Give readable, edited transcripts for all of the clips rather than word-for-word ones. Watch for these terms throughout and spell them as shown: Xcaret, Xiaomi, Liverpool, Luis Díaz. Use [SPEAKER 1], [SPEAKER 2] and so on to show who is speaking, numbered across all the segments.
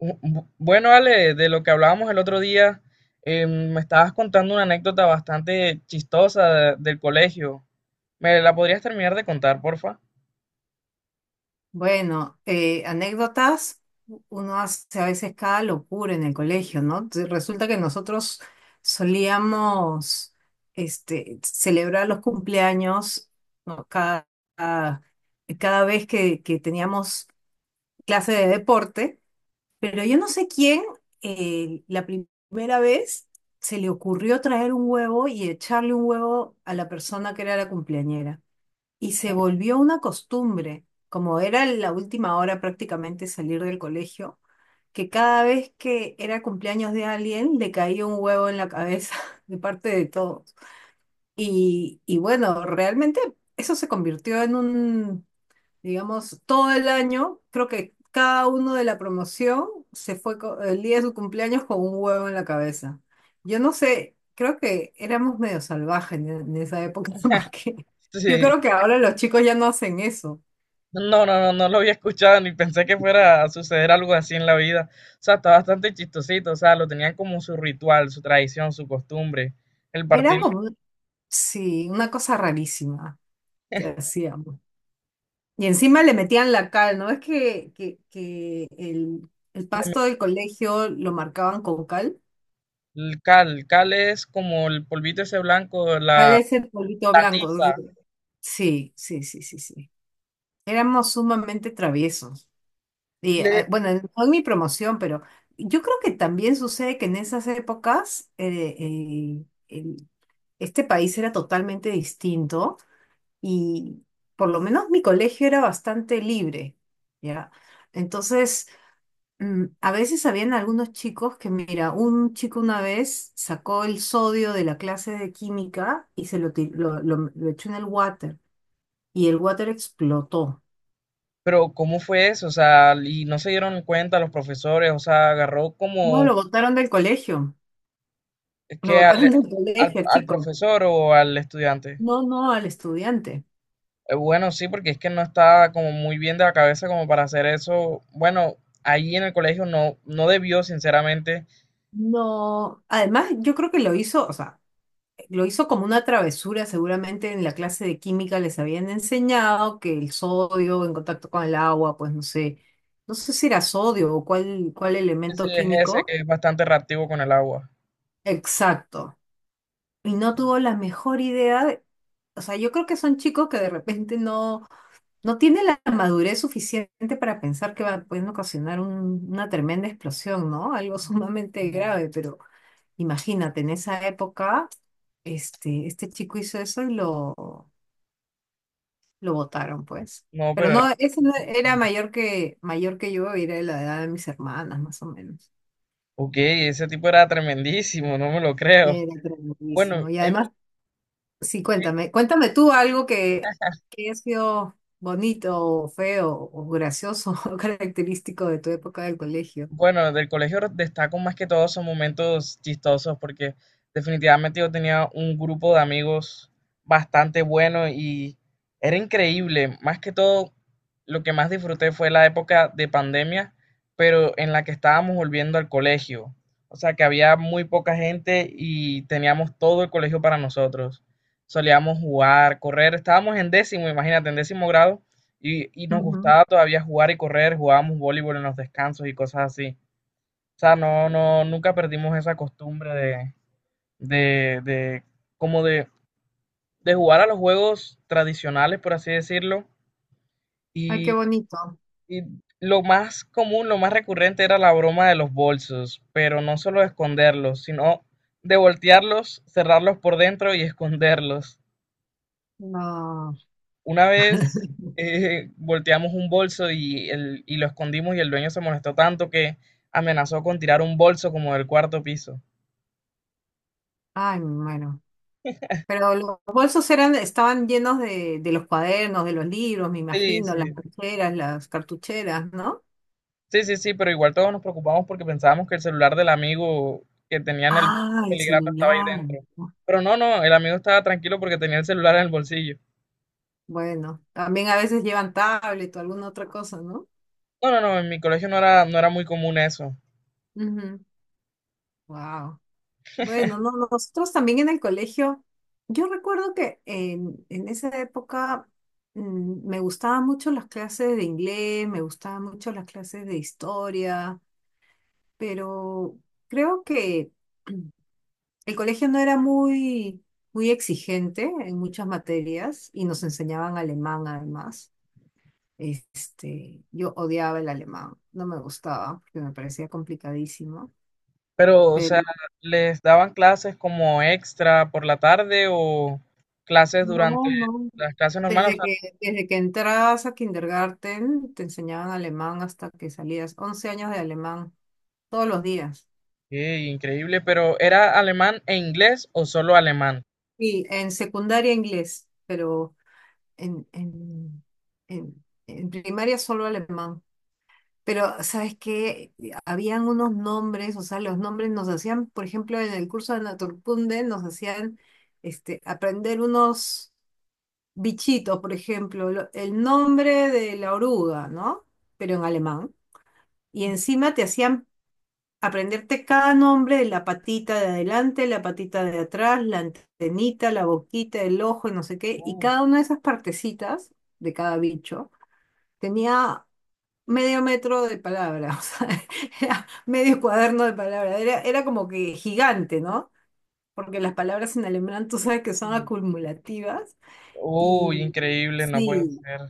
[SPEAKER 1] Bueno, Ale, de lo que hablábamos el otro día, me estabas contando una anécdota bastante chistosa del colegio. ¿Me la podrías terminar de contar, porfa?
[SPEAKER 2] Bueno, anécdotas, uno hace a veces cada locura en el colegio, ¿no? Resulta que nosotros solíamos celebrar los cumpleaños, ¿no? Cada, cada vez que teníamos clase de deporte, pero yo no sé quién la primera vez se le ocurrió traer un huevo y echarle un huevo a la persona que era la cumpleañera. Y se
[SPEAKER 1] Uh.
[SPEAKER 2] volvió una costumbre, como era la última hora prácticamente salir del colegio, que cada vez que era cumpleaños de alguien le caía un huevo en la cabeza de parte de todos. Y bueno, realmente eso se convirtió en un, digamos, todo el año, creo que cada uno de la promoción se fue el día de su cumpleaños con un huevo en la cabeza. Yo no sé, creo que éramos medio salvajes en esa época, porque yo
[SPEAKER 1] Sí.
[SPEAKER 2] creo que ahora los chicos ya no hacen eso.
[SPEAKER 1] No, no, no, no lo había escuchado ni pensé que fuera a suceder algo así en la vida. O sea, está bastante chistosito, o sea, lo tenían como su ritual, su tradición, su costumbre. El partir
[SPEAKER 2] Era como, sí, una cosa rarísima que hacíamos. Y encima le metían la cal, ¿no? Es que, el pasto
[SPEAKER 1] de
[SPEAKER 2] del colegio lo marcaban con cal.
[SPEAKER 1] el cal es como el polvito ese blanco,
[SPEAKER 2] Cal
[SPEAKER 1] la,
[SPEAKER 2] es el polvito
[SPEAKER 1] la
[SPEAKER 2] blanco.
[SPEAKER 1] tiza.
[SPEAKER 2] Sí, sí, sí, sí, sí, sí. Éramos sumamente traviesos. Y bueno, no en mi promoción, pero yo creo que también sucede que en esas épocas el- este país era totalmente distinto y por lo menos mi colegio era bastante libre, ¿ya? Entonces, a veces habían algunos chicos que, mira, un chico una vez sacó el sodio de la clase de química y se lo, ti- lo echó en el water y el water explotó.
[SPEAKER 1] Pero ¿cómo fue eso? O sea, y no se dieron cuenta los profesores, o sea, agarró
[SPEAKER 2] No,
[SPEAKER 1] como
[SPEAKER 2] lo botaron del colegio. Lo
[SPEAKER 1] que al,
[SPEAKER 2] votaron del
[SPEAKER 1] al,
[SPEAKER 2] colegio, el
[SPEAKER 1] al
[SPEAKER 2] chico.
[SPEAKER 1] profesor o al estudiante.
[SPEAKER 2] No, no, al estudiante.
[SPEAKER 1] Bueno, sí, porque es que no estaba como muy bien de la cabeza como para hacer eso. Bueno, ahí en el colegio no, no debió, sinceramente,
[SPEAKER 2] No. Además, yo creo que lo hizo, o sea, lo hizo como una travesura. Seguramente en la clase de química les habían enseñado que el sodio en contacto con el agua, pues no sé si era sodio o cuál
[SPEAKER 1] ese
[SPEAKER 2] elemento
[SPEAKER 1] es ese
[SPEAKER 2] químico.
[SPEAKER 1] que es bastante reactivo con el agua.
[SPEAKER 2] Exacto. Y no tuvo la mejor idea, o sea, yo creo que son chicos que de repente no. No tiene la madurez suficiente para pensar que va, pueden ocasionar una tremenda explosión, ¿no? Algo sumamente
[SPEAKER 1] No,
[SPEAKER 2] grave, pero imagínate, en esa época, este chico hizo eso y lo botaron, pues.
[SPEAKER 1] no,
[SPEAKER 2] Pero
[SPEAKER 1] pero era...
[SPEAKER 2] no, ese no era mayor que yo, era de la edad de mis hermanas, más o menos.
[SPEAKER 1] Ok, ese tipo era tremendísimo, no me lo creo.
[SPEAKER 2] Era
[SPEAKER 1] Bueno,
[SPEAKER 2] tremendísimo. Y
[SPEAKER 1] en
[SPEAKER 2] además, sí,
[SPEAKER 1] mi-
[SPEAKER 2] cuéntame tú algo que ha sido bonito, o feo, o gracioso, o característico de tu época del colegio.
[SPEAKER 1] Bueno, del colegio destaco más que todo son momentos chistosos porque definitivamente yo tenía un grupo de amigos bastante bueno y era increíble. Más que todo, lo que más disfruté fue la época de pandemia, pero en la que estábamos volviendo al colegio. O sea que había muy poca gente y teníamos todo el colegio para nosotros. Solíamos jugar, correr, estábamos en décimo, imagínate, en décimo grado y nos
[SPEAKER 2] Ujú.
[SPEAKER 1] gustaba todavía jugar y correr, jugábamos voleibol en los descansos y cosas así. O sea, no, no, nunca perdimos esa costumbre de, de, como de, de jugar a los juegos tradicionales, por así decirlo.
[SPEAKER 2] Ay, qué
[SPEAKER 1] Y,
[SPEAKER 2] bonito.
[SPEAKER 1] y lo más común, lo más recurrente era la broma de los bolsos, pero no solo esconderlos, sino de voltearlos, cerrarlos por dentro y esconderlos.
[SPEAKER 2] No.
[SPEAKER 1] Una vez volteamos un bolso y lo escondimos y el dueño se molestó tanto que amenazó con tirar un bolso como del cuarto piso.
[SPEAKER 2] Ay, me muero. Pero los bolsos eran, estaban llenos de los cuadernos, de los libros, me
[SPEAKER 1] Sí,
[SPEAKER 2] imagino,
[SPEAKER 1] sí,
[SPEAKER 2] las carteras, las cartucheras, ¿no?
[SPEAKER 1] sí, sí, sí, pero igual todos nos preocupamos porque pensábamos que el celular del amigo que tenía en el
[SPEAKER 2] Ah, el
[SPEAKER 1] peligrando estaba ahí
[SPEAKER 2] celular.
[SPEAKER 1] dentro. Pero no, no, el amigo estaba tranquilo porque tenía el celular en el bolsillo.
[SPEAKER 2] Bueno, también a veces llevan tablet o alguna otra cosa, ¿no?
[SPEAKER 1] No, no, no, en mi colegio no era, no era muy común eso.
[SPEAKER 2] Wow. Bueno, no, no, nosotros también en el colegio, yo recuerdo que en esa época me gustaban mucho las clases de inglés, me gustaban mucho las clases de historia, pero creo que el colegio no era muy, muy exigente en muchas materias y nos enseñaban alemán además. Yo odiaba el alemán, no me gustaba porque me parecía complicadísimo.
[SPEAKER 1] Pero, o sea, ¿les daban clases como extra por la tarde o clases durante
[SPEAKER 2] No, no.
[SPEAKER 1] las clases normales?
[SPEAKER 2] Desde que entrabas a kindergarten, te enseñaban alemán hasta que salías. 11 años de alemán, todos los días.
[SPEAKER 1] Qué increíble, pero ¿era alemán e inglés o solo alemán?
[SPEAKER 2] Y en secundaria inglés, pero en, en, en primaria solo alemán. Pero, ¿sabes qué? Habían unos nombres, o sea, los nombres nos hacían, por ejemplo, en el curso de Naturkunde, nos hacían aprender unos bichitos, por ejemplo, el nombre de la oruga, ¿no? Pero en alemán. Y encima te hacían aprenderte cada nombre de la patita de adelante, la patita de atrás, la antenita, la boquita, el ojo y no sé qué. Y
[SPEAKER 1] Uf,
[SPEAKER 2] cada una de esas partecitas de cada bicho tenía medio metro de palabra, o sea, era medio cuaderno de palabra. Era como que gigante, ¿no? Porque las palabras en alemán tú sabes que son
[SPEAKER 1] in-
[SPEAKER 2] acumulativas
[SPEAKER 1] uy,
[SPEAKER 2] y
[SPEAKER 1] increíble, no puede
[SPEAKER 2] sí.
[SPEAKER 1] ser.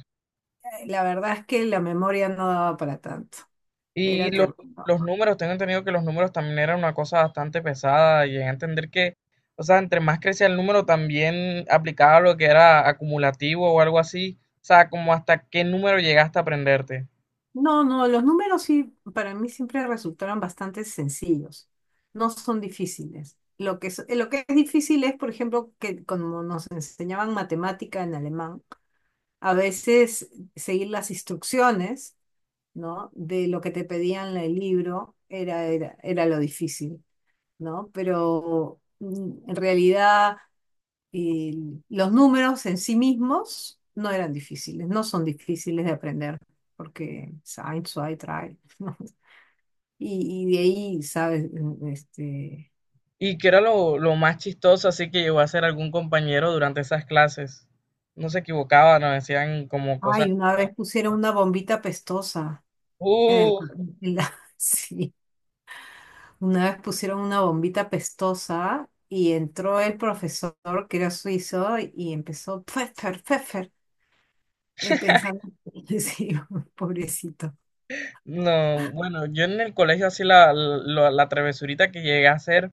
[SPEAKER 2] La verdad es que la memoria no daba para tanto.
[SPEAKER 1] Y
[SPEAKER 2] Era tremendo.
[SPEAKER 1] los números, tengo entendido que los números también eran una cosa bastante pesada. Llegué a entender que, o sea, entre más crecía el número, también aplicaba lo que era acumulativo o algo así. O sea, como hasta qué número llegaste a aprenderte.
[SPEAKER 2] No, no, los números sí, para mí siempre resultaron bastante sencillos. No son difíciles. Lo que es difícil es, por ejemplo, que como nos enseñaban matemática en alemán, a veces seguir las instrucciones, ¿no? De lo que te pedían en el libro era lo difícil, ¿no? Pero en realidad. Y los números en sí mismos no eran difíciles, no son difíciles de aprender, porque Sine, Zwei, Drei, ¿no? Y de ahí, ¿sabes?
[SPEAKER 1] Y que era lo más chistoso, así que llegó a ser algún compañero durante esas clases. No se equivocaba, nos decían como cosas.
[SPEAKER 2] Ay, una vez pusieron una bombita pestosa en
[SPEAKER 1] ¡Uh!
[SPEAKER 2] el, en la- sí, una vez pusieron una bombita pestosa y entró el profesor que era suizo y empezó Pfeffer, Pfeffer, pensando, sí, pobrecito.
[SPEAKER 1] No, bueno, yo en el colegio así la, la, la travesurita que llegué a hacer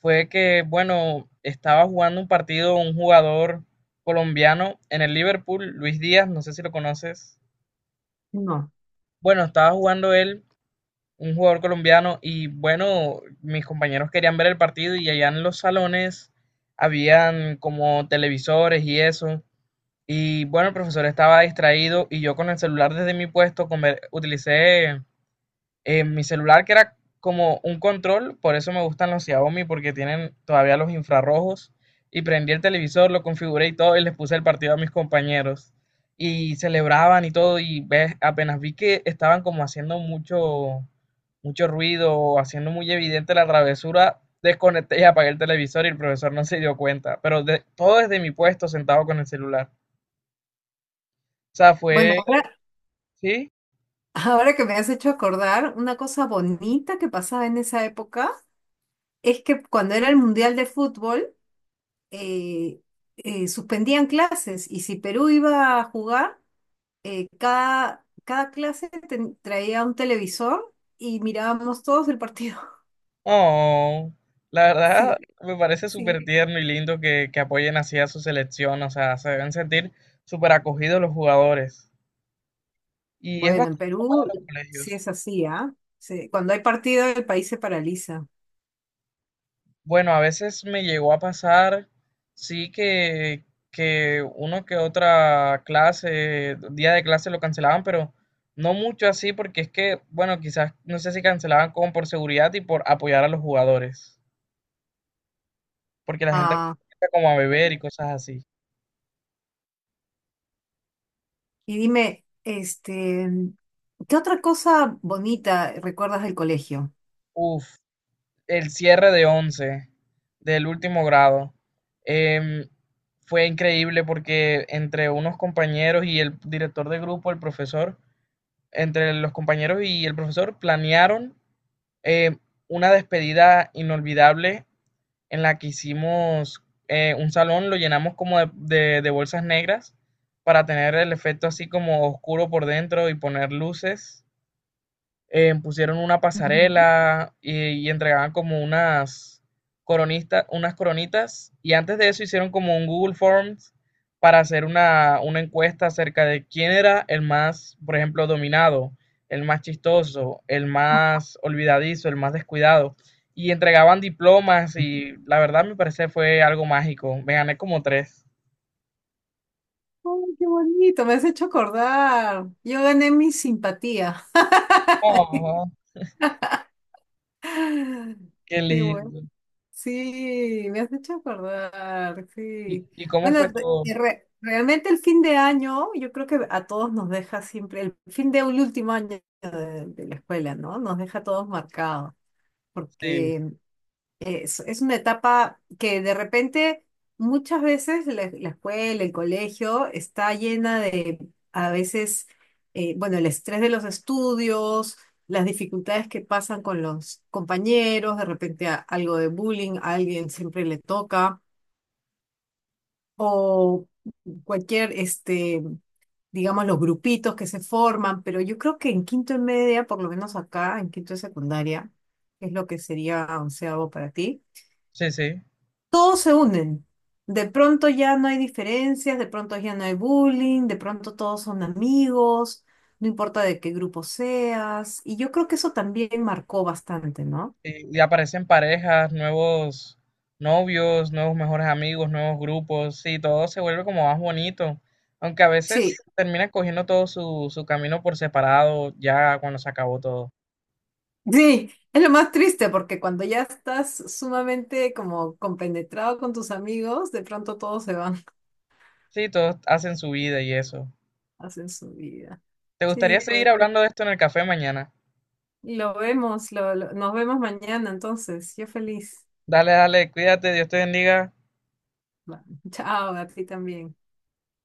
[SPEAKER 1] fue que, bueno, estaba jugando un partido un jugador colombiano en el Liverpool, Luis Díaz, no sé si lo conoces.
[SPEAKER 2] No.
[SPEAKER 1] Bueno, estaba jugando él, un jugador colombiano, y bueno, mis compañeros querían ver el partido y allá en los salones habían como televisores y eso. Y bueno, el profesor estaba distraído y yo con el celular desde mi puesto utilicé en mi celular que era como un control, por eso me gustan los Xiaomi porque tienen todavía los infrarrojos y prendí el televisor, lo configuré y todo y les puse el partido a mis compañeros y celebraban y todo y ves, apenas vi que estaban como haciendo mucho ruido, haciendo muy evidente la travesura, desconecté y apagué el televisor y el profesor no se dio cuenta, todo desde mi puesto sentado con el celular. O sea,
[SPEAKER 2] Bueno,
[SPEAKER 1] fue,
[SPEAKER 2] ahora
[SPEAKER 1] sí.
[SPEAKER 2] Ahora que me has hecho acordar, una cosa bonita que pasaba en esa época es que cuando era el Mundial de Fútbol, eh, suspendían clases y si Perú iba a jugar, cada clase traía un televisor y mirábamos todos el partido.
[SPEAKER 1] Oh, la verdad
[SPEAKER 2] Sí,
[SPEAKER 1] me parece súper
[SPEAKER 2] sí.
[SPEAKER 1] tierno y lindo que apoyen así a su selección, o sea, se deben sentir súper acogidos los jugadores. Y es
[SPEAKER 2] Bueno, en
[SPEAKER 1] bastante normal en
[SPEAKER 2] Perú
[SPEAKER 1] los
[SPEAKER 2] sí
[SPEAKER 1] colegios.
[SPEAKER 2] es así, ¿ah? Sí, cuando hay partido, el país se paraliza.
[SPEAKER 1] Bueno, a veces me llegó a pasar, sí que uno que otra clase, día de clase lo cancelaban, pero no mucho así, porque es que, bueno, quizás no sé si cancelaban como por seguridad y por apoyar a los jugadores, porque la gente
[SPEAKER 2] Ah,
[SPEAKER 1] empieza como a beber y cosas así.
[SPEAKER 2] y dime, ¿qué otra cosa bonita recuerdas del colegio?
[SPEAKER 1] Uf. El cierre de 11, del último grado, em, fue increíble porque entre unos compañeros y el director de grupo, el profesor, entre los compañeros y el profesor planearon eh, una despedida inolvidable en la que hicimos, un salón, lo llenamos como de bolsas negras para tener el efecto así como oscuro por dentro y poner luces, pusieron una
[SPEAKER 2] Ujú.
[SPEAKER 1] pasarela y entregaban como unas coronistas, unas coronitas. Y antes de eso hicieron como un Google Forms para hacer una encuesta acerca de quién era el más, por ejemplo, dominado, el más chistoso, el más olvidadizo, el más descuidado. Y entregaban diplomas y la verdad me parece fue algo mágico. Me gané como 3.
[SPEAKER 2] Ay, qué bonito, me has hecho acordar. Yo gané mi simpatía.
[SPEAKER 1] Oh, qué
[SPEAKER 2] Qué bueno.
[SPEAKER 1] lindo.
[SPEAKER 2] Sí, me has hecho acordar, sí.
[SPEAKER 1] Y cómo
[SPEAKER 2] Bueno,
[SPEAKER 1] fue todo?
[SPEAKER 2] realmente el fin de año, yo creo que a todos nos deja siempre, el fin de un último año de la escuela, ¿no? Nos deja a todos marcados,
[SPEAKER 1] Sí,
[SPEAKER 2] porque es una etapa que de repente muchas veces la escuela, el colegio está llena de a veces, bueno, el estrés de los estudios, las dificultades que pasan con los compañeros, de repente algo de bullying, a alguien siempre le toca, o cualquier, digamos, los grupitos que se forman, pero yo creo que en quinto y media, por lo menos acá, en quinto de secundaria, que es lo que sería onceavo para ti
[SPEAKER 1] sí, sí.
[SPEAKER 2] todos se unen. De pronto ya no hay diferencias, de pronto ya no hay bullying, de pronto todos son amigos, no importa de qué grupo seas. Y yo creo que eso también marcó bastante, ¿no?
[SPEAKER 1] Sí, y aparecen parejas, nuevos novios, nuevos mejores amigos, nuevos grupos, sí, todo se vuelve como más bonito, aunque a
[SPEAKER 2] Sí,
[SPEAKER 1] veces termina cogiendo todo su, su camino por separado ya cuando se acabó todo.
[SPEAKER 2] sí, es lo más triste porque cuando ya estás sumamente como compenetrado con tus amigos, de pronto todos se van,
[SPEAKER 1] Sí, todos hacen su vida y eso.
[SPEAKER 2] hacen su vida.
[SPEAKER 1] ¿Te gustaría
[SPEAKER 2] Sí,
[SPEAKER 1] seguir
[SPEAKER 2] pues
[SPEAKER 1] hablando de esto en el café mañana?
[SPEAKER 2] lo vemos, nos vemos mañana entonces. Yo feliz.
[SPEAKER 1] Dale, dale, cuídate, Dios te bendiga.
[SPEAKER 2] Va, Chao, a ti también.